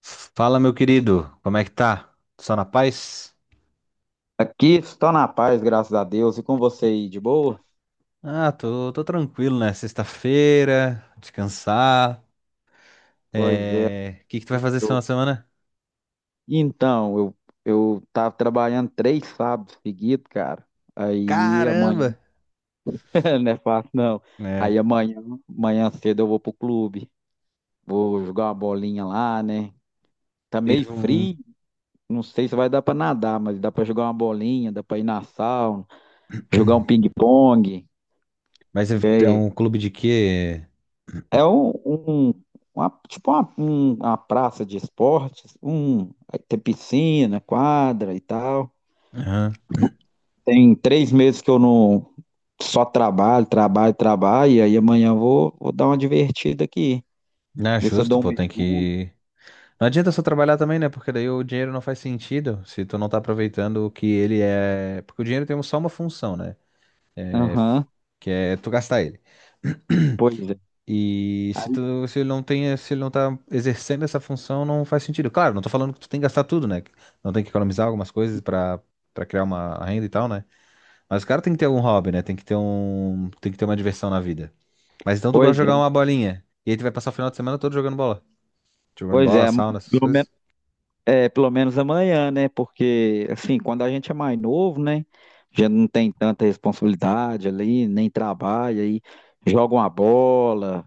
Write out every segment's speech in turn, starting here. Fala, meu querido, como é que tá? Só na paz? Aqui estou na paz, graças a Deus. E com você aí, de boa? Ah, tô tranquilo, né? Sexta-feira, descansar. Pois é, É... O que que tu vai fazer esse final estou. de semana? Então, eu tava trabalhando três sábados seguidos, cara. Aí Caramba! amanhã, não é fácil não. É, Aí amanhã, cedo eu vou pro clube. Vou jogar uma bolinha lá, né? Tá meio tens um... frio, não sei se vai dar pra nadar, mas dá pra jogar uma bolinha, dá pra ir na sauna, jogar um ping-pong. Mas é um clube de quê? É uma praça de esportes, um, aí tem piscina, quadra e tal. Aham. Tem três meses que eu não só trabalho, trabalho, trabalho, e aí amanhã eu vou dar uma divertida aqui, Não é ver se eu justo, dou um pô, tem mergulho. que... Não adianta só trabalhar também, né? Porque daí o dinheiro não faz sentido se tu não tá aproveitando o que ele é... Porque o dinheiro tem só uma função, né? Aham, Que é tu gastar ele. pois é, E se tu, se ele não tem, se ele não tá exercendo essa função, não faz sentido. Claro, não tô falando que tu tem que gastar tudo, né? Não tem que economizar algumas coisas pra para criar uma renda e tal, né? Mas o cara tem que ter algum hobby, né? Tem que ter um, tem que ter uma diversão na vida. Mas então tu gosta pois de é, jogar uma bolinha. E aí tu vai passar o final de semana todo jogando bola. Jogando pois bola, sauna, essas pelo menos, coisas. é, pelo menos amanhã, né? Porque, assim, quando a gente é mais novo, né? Já não tem tanta responsabilidade ali, nem trabalha, aí joga uma bola,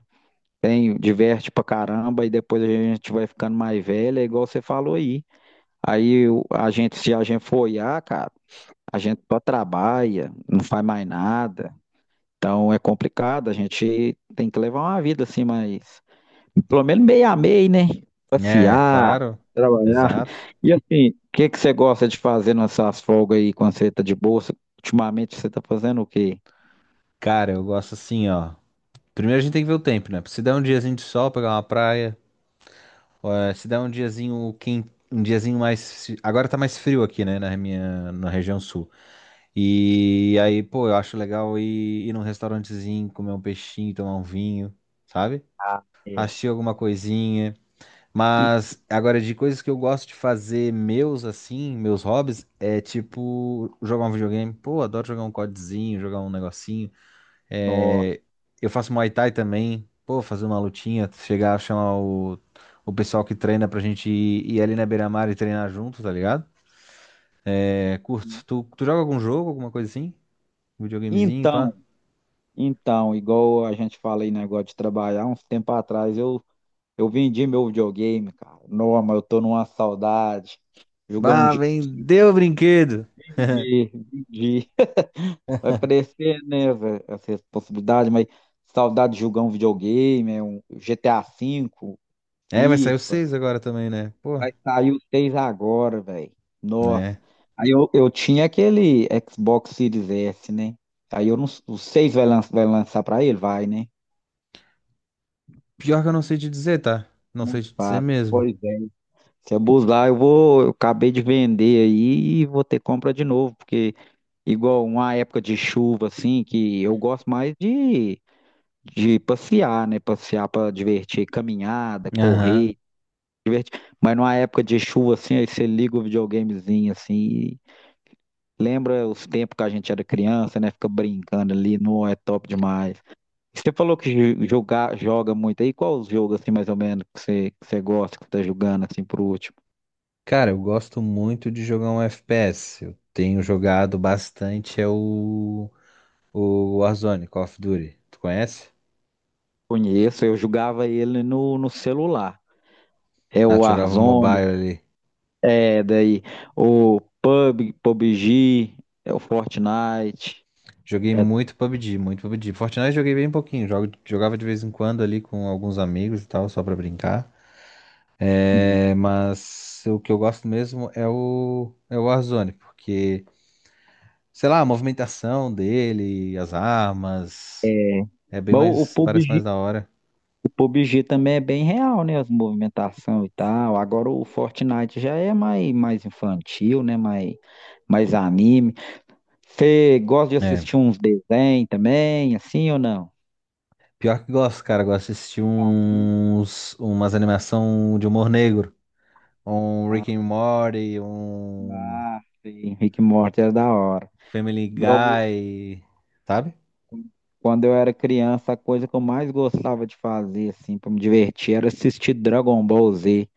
tem, diverte pra caramba e depois a gente vai ficando mais velha, é igual você falou aí. Se a gente for olhar, cara, a gente só trabalha, não faz mais nada. Então é complicado, a gente tem que levar uma vida assim, mas pelo menos meia a meio, né? É, Passear, claro. trabalhar. Exato. E assim, o que que você gosta de fazer nessas folgas aí quando você tá de bolsa? Ultimamente você tá fazendo o quê? Cara, eu gosto assim, ó. Primeiro a gente tem que ver o tempo, né? Se der um diazinho de sol, pegar uma praia. Ó, é, se der um diazinho quem, um diazinho mais. Agora tá mais frio aqui, né? Na minha, na região sul. E aí, pô, eu acho legal ir, num restaurantezinho, comer um peixinho, tomar um vinho, sabe? Ah, é. Assistir alguma coisinha. E, Mas agora, de coisas que eu gosto de fazer, meus assim, meus hobbies, é tipo jogar um videogame. Pô, adoro jogar um CODzinho, jogar um negocinho. nossa. É, eu faço Muay Thai também. Pô, fazer uma lutinha, chegar a chamar o pessoal que treina pra gente ir, ali na beira-mar e treinar junto, tá ligado? É, curto. Tu joga algum jogo, alguma coisa assim? Um videogamezinho, Então, pá. Então, igual a gente fala aí, negócio de trabalhar, uns tempo atrás eu vendi meu videogame, cara. Não, mas eu tô numa saudade. Jogar um Ah, dia, vendeu o brinquedo. Vendi. Vai parecer, né, velho, essa responsabilidade, mas saudade de jogar um videogame, é um GTA V, É, vai sair o FIFA. 6 agora também, né? Pô, Vai sair o 6 agora, velho. Nossa. né? Aí eu tinha aquele Xbox Series S, né? Aí eu não, O seis vai lançar pra ele? Vai, né? Pior que eu não sei te dizer, tá? Não Não sei te dizer sabe. mesmo. Pois é. Se abusar, eu acabei de vender aí e vou ter compra de novo, porque igual uma época de chuva assim, que eu gosto mais de passear, né? Passear para divertir, caminhada, Aham. correr, divertir. Mas numa época de chuva assim, aí você liga o videogamezinho assim, e lembra os tempos que a gente era criança, né? Fica brincando ali, não é top demais. Você falou que jogar, joga muito aí, qual os jogos assim mais ou menos que você gosta, que você tá jogando assim por último? Cara, eu gosto muito de jogar um FPS. Eu tenho jogado bastante, é o Warzone, Call of Duty. Tu conhece? Conheço, eu jogava ele no, no celular. É Ah, o tu jogava Warzone, mobile ali. é daí PUBG, é o Fortnite. Joguei É, muito PUBG, muito PUBG. Fortnite joguei bem pouquinho. Jogo, jogava de vez em quando ali com alguns amigos e tal, só pra brincar. É, uhum. mas o que eu gosto mesmo é o Warzone, porque, sei lá, a movimentação dele, as armas, é bem mais, Bom, o parece mais da hora. PUBG, o PUBG também é bem real, né? As movimentação e tal. Agora o Fortnite já é mais infantil, né? Mais anime. Você gosta de É. assistir uns desenhos também, assim ou não? Pior que gosto, cara, gosto de assistir Hum. uns, umas animação de humor negro. Um Ah, Rick and Morty, um ah, sim. Rick e Morty é da hora. Family Igual Guy, sabe? quando eu era criança, a coisa que eu mais gostava de fazer, assim, pra me divertir, era assistir Dragon Ball Z.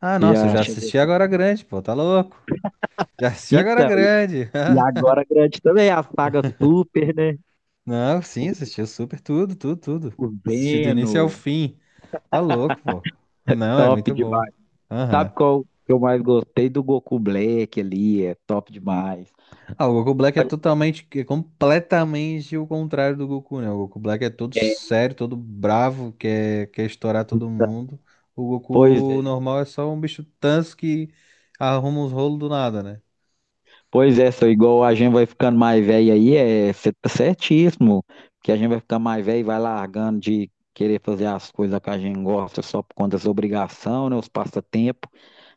Ah, Você nossa, eu já já chegou. assisti Agora Grande, pô, tá louco? Já assisti Agora Então, e Grande. e agora grande também a saga Super, né? Não, sim, assisti super tudo, tudo, tudo. O Assisti do início ao Veno, fim. Tá louco, pô. Não, é top muito bom. demais. Sabe Aham. qual que eu mais gostei do Goku Black ali? É top demais. Ah, o Goku Black é totalmente, é completamente o contrário do Goku, né? O Goku Black é todo É, sério, todo bravo, quer estourar todo então, mundo. O pois Goku é. normal é só um bicho tanso que arruma uns rolos do nada, né? Pois é, só igual a gente vai ficando mais velho aí, é, você tá certíssimo, que a gente vai ficando mais velho e vai largando de querer fazer as coisas que a gente gosta só por conta das obrigações, né, os passatempos,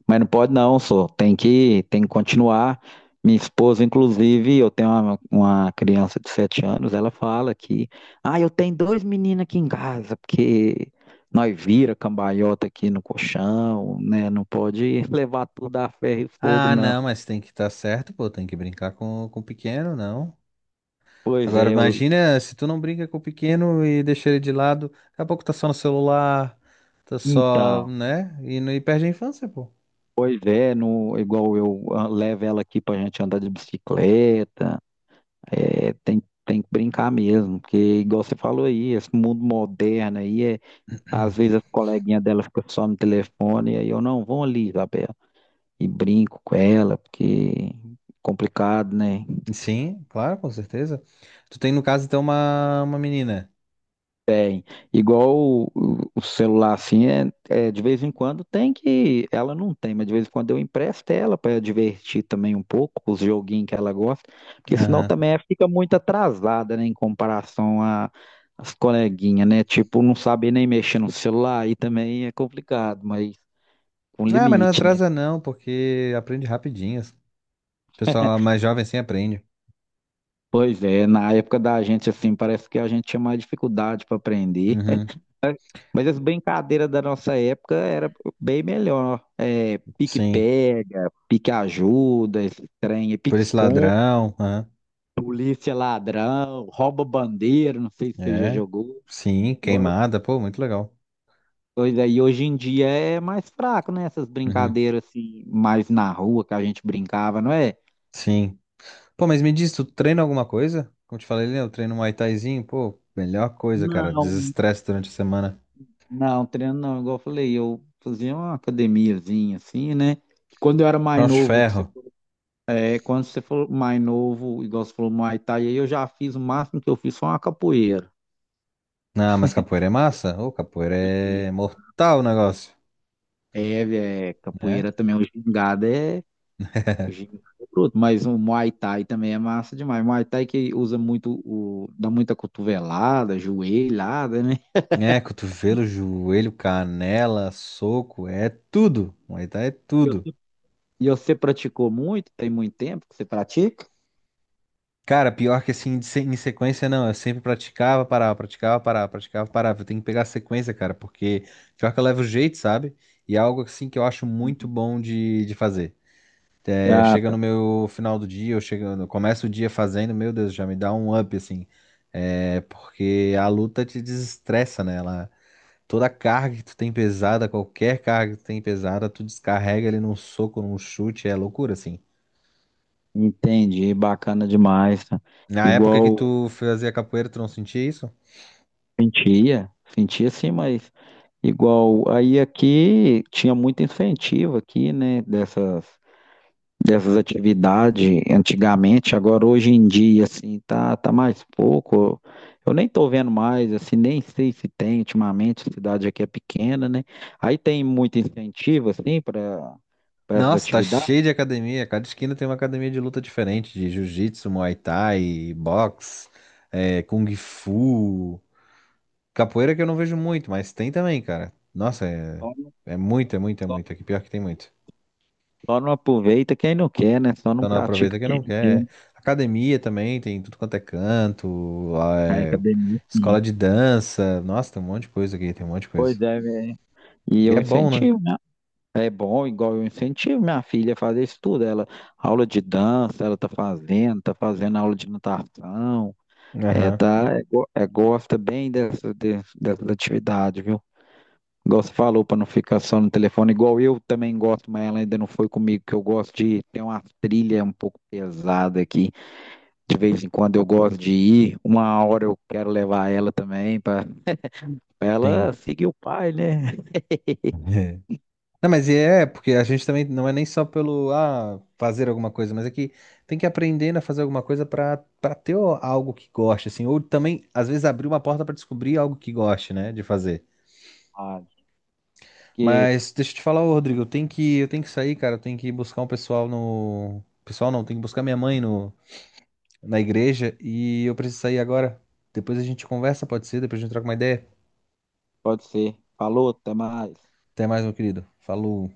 mas não pode não, só tem que continuar. Minha esposa, inclusive, eu tenho uma criança de 7 anos, ela fala que, ah, eu tenho dois meninos aqui em casa, porque nós vira cambalhota aqui no colchão, né, não pode levar tudo a ferro e fogo, Ah, não. não, mas tem que estar certo, pô, tem que brincar com o pequeno, não. Pois Agora é, eu, imagina se tu não brinca com o pequeno e deixa ele de lado, daqui a pouco tá só no celular, tá só, Então, né? E, não- e perde a infância, pô. pois é, no, igual eu ah, levo ela aqui pra gente andar de bicicleta, é, tem que brincar mesmo, porque igual você falou aí, esse mundo moderno aí, é, às vezes as coleguinhas dela ficam só no telefone, e aí eu não, vão ali, Isabela, e brinco com ela, porque é complicado, né? Sim, claro, com certeza. Tu tem, no caso, então, uma menina. Tem. Igual o celular, assim, de vez em quando tem que. Ela não tem, mas de vez em quando eu empresto ela para divertir também um pouco, os joguinhos que ela gosta, porque senão Aham. também ela fica muito atrasada, né, às coleguinhas, né? Tipo, não sabe nem mexer no celular, aí também é complicado, mas com Ah, mas não limite, né? atrasa não, porque aprende rapidinho. O pessoal mais jovem assim aprende. Pois é, na época da gente, assim, parece que a gente tinha mais dificuldade para aprender. Uhum. Mas as brincadeiras da nossa época era bem melhor. É, Sim. pique-pega, pique-ajuda, esse trem, Por esse pique-esconde, ladrão, aham. polícia ladrão, rouba bandeira, não sei se você já É. jogou. Sim, Agora, queimada, pô, muito legal. pois aí hoje em dia é mais fraco, né? Essas Uhum. brincadeiras assim, mais na rua que a gente brincava, não é? Sim. Pô, mas me diz, tu treina alguma coisa? Como te falei, né, eu treino Muay Thaizinho, pô, melhor coisa, cara, Não, desestresse durante a semana. não, treino não, igual eu falei, eu fazia uma academiazinha assim, né? Quando eu era mais Cross novo, ferro. é quando você falou mais novo, igual você falou Muay Thai, aí eu já fiz o máximo que eu fiz foi uma capoeira. Ah, mas capoeira é massa? Ô, capoeira é Capoeira. mortal o negócio, É, é né? capoeira também, o gingado é bruto, mas o Muay Thai também é massa demais. Muay Thai que usa muito, o, dá muita cotovelada, joelhada, né? É, cotovelo, joelho, canela, soco, é tudo. Muay Thai é E tudo. você, e você praticou muito? Tem muito tempo que você pratica? Cara, pior que assim, de se- em sequência não, eu sempre praticava, parava, praticava, parava, praticava, parava. Eu tenho que pegar a sequência, cara, porque pior que eu levo jeito, sabe? E é algo assim que eu acho muito Uhum. bom de fazer. É, Ah, chega tá. no meu final do dia, eu chego, eu começo o dia fazendo, meu Deus, já me dá um up, assim. É, porque a luta te desestressa, né? Ela, toda a carga que tu tem pesada, qualquer carga que tu tem pesada, tu descarrega ele num soco, num chute, é loucura, assim. Entendi, bacana demais. Tá? Na época que Igual tu fazia capoeira, tu não sentia isso? sentia, sentia sim, mas igual, aí aqui tinha muito incentivo aqui, né, dessas atividades antigamente, agora hoje em dia, assim, tá mais pouco, eu nem tô vendo mais, assim, nem sei se tem ultimamente, a cidade aqui é pequena, né, aí tem muito incentivo, assim, para essas Nossa, tá atividades, cheio de academia. Cada esquina tem uma academia de luta diferente, de jiu-jitsu, muay thai, boxe, é, kung fu. Capoeira que eu não vejo muito, mas tem também, cara. Nossa, é, só não, é muito, é muito, é só, muito. Aqui pior que tem muito. só não aproveita quem não quer, né, só não Então não pratica aproveita quem quem não não quer, quer. É. Academia também, tem tudo quanto é canto, ah, a é, academia, escola sim. de dança. Nossa, tem um monte de coisa aqui, tem um monte de coisa. Pois é, velho. E E eu é bom, né? incentivo, né? É bom, igual eu incentivo minha filha a fazer isso tudo. Ela, aula de dança, ela tá fazendo aula de natação. É, Aham, tá, é, é, gosta bem dessa, dessas atividades, viu? Igual você falou, para não ficar só no telefone, igual eu também gosto, mas ela ainda não foi comigo, que eu gosto de ter uma trilha um pouco pesada aqui. De vez em quando eu gosto de ir, uma hora eu quero levar ela também, para ela sim. seguir o pai, né? Não, mas é, porque a gente também não é nem só pelo, ah, fazer alguma coisa, mas é que tem que aprender a fazer alguma coisa pra para ter o- algo que goste, assim, ou também, às vezes, abrir uma porta pra descobrir algo que goste, né, de fazer. Ah, que Mas deixa eu te falar, ô, Rodrigo, eu tenho que sair, cara. Eu tenho que ir buscar um pessoal no. Pessoal não, tenho que buscar minha mãe no, na igreja e eu preciso sair agora. Depois a gente conversa, pode ser? Depois a gente troca uma ideia. pode ser. Falou, até mais. Até mais, meu querido. Falou.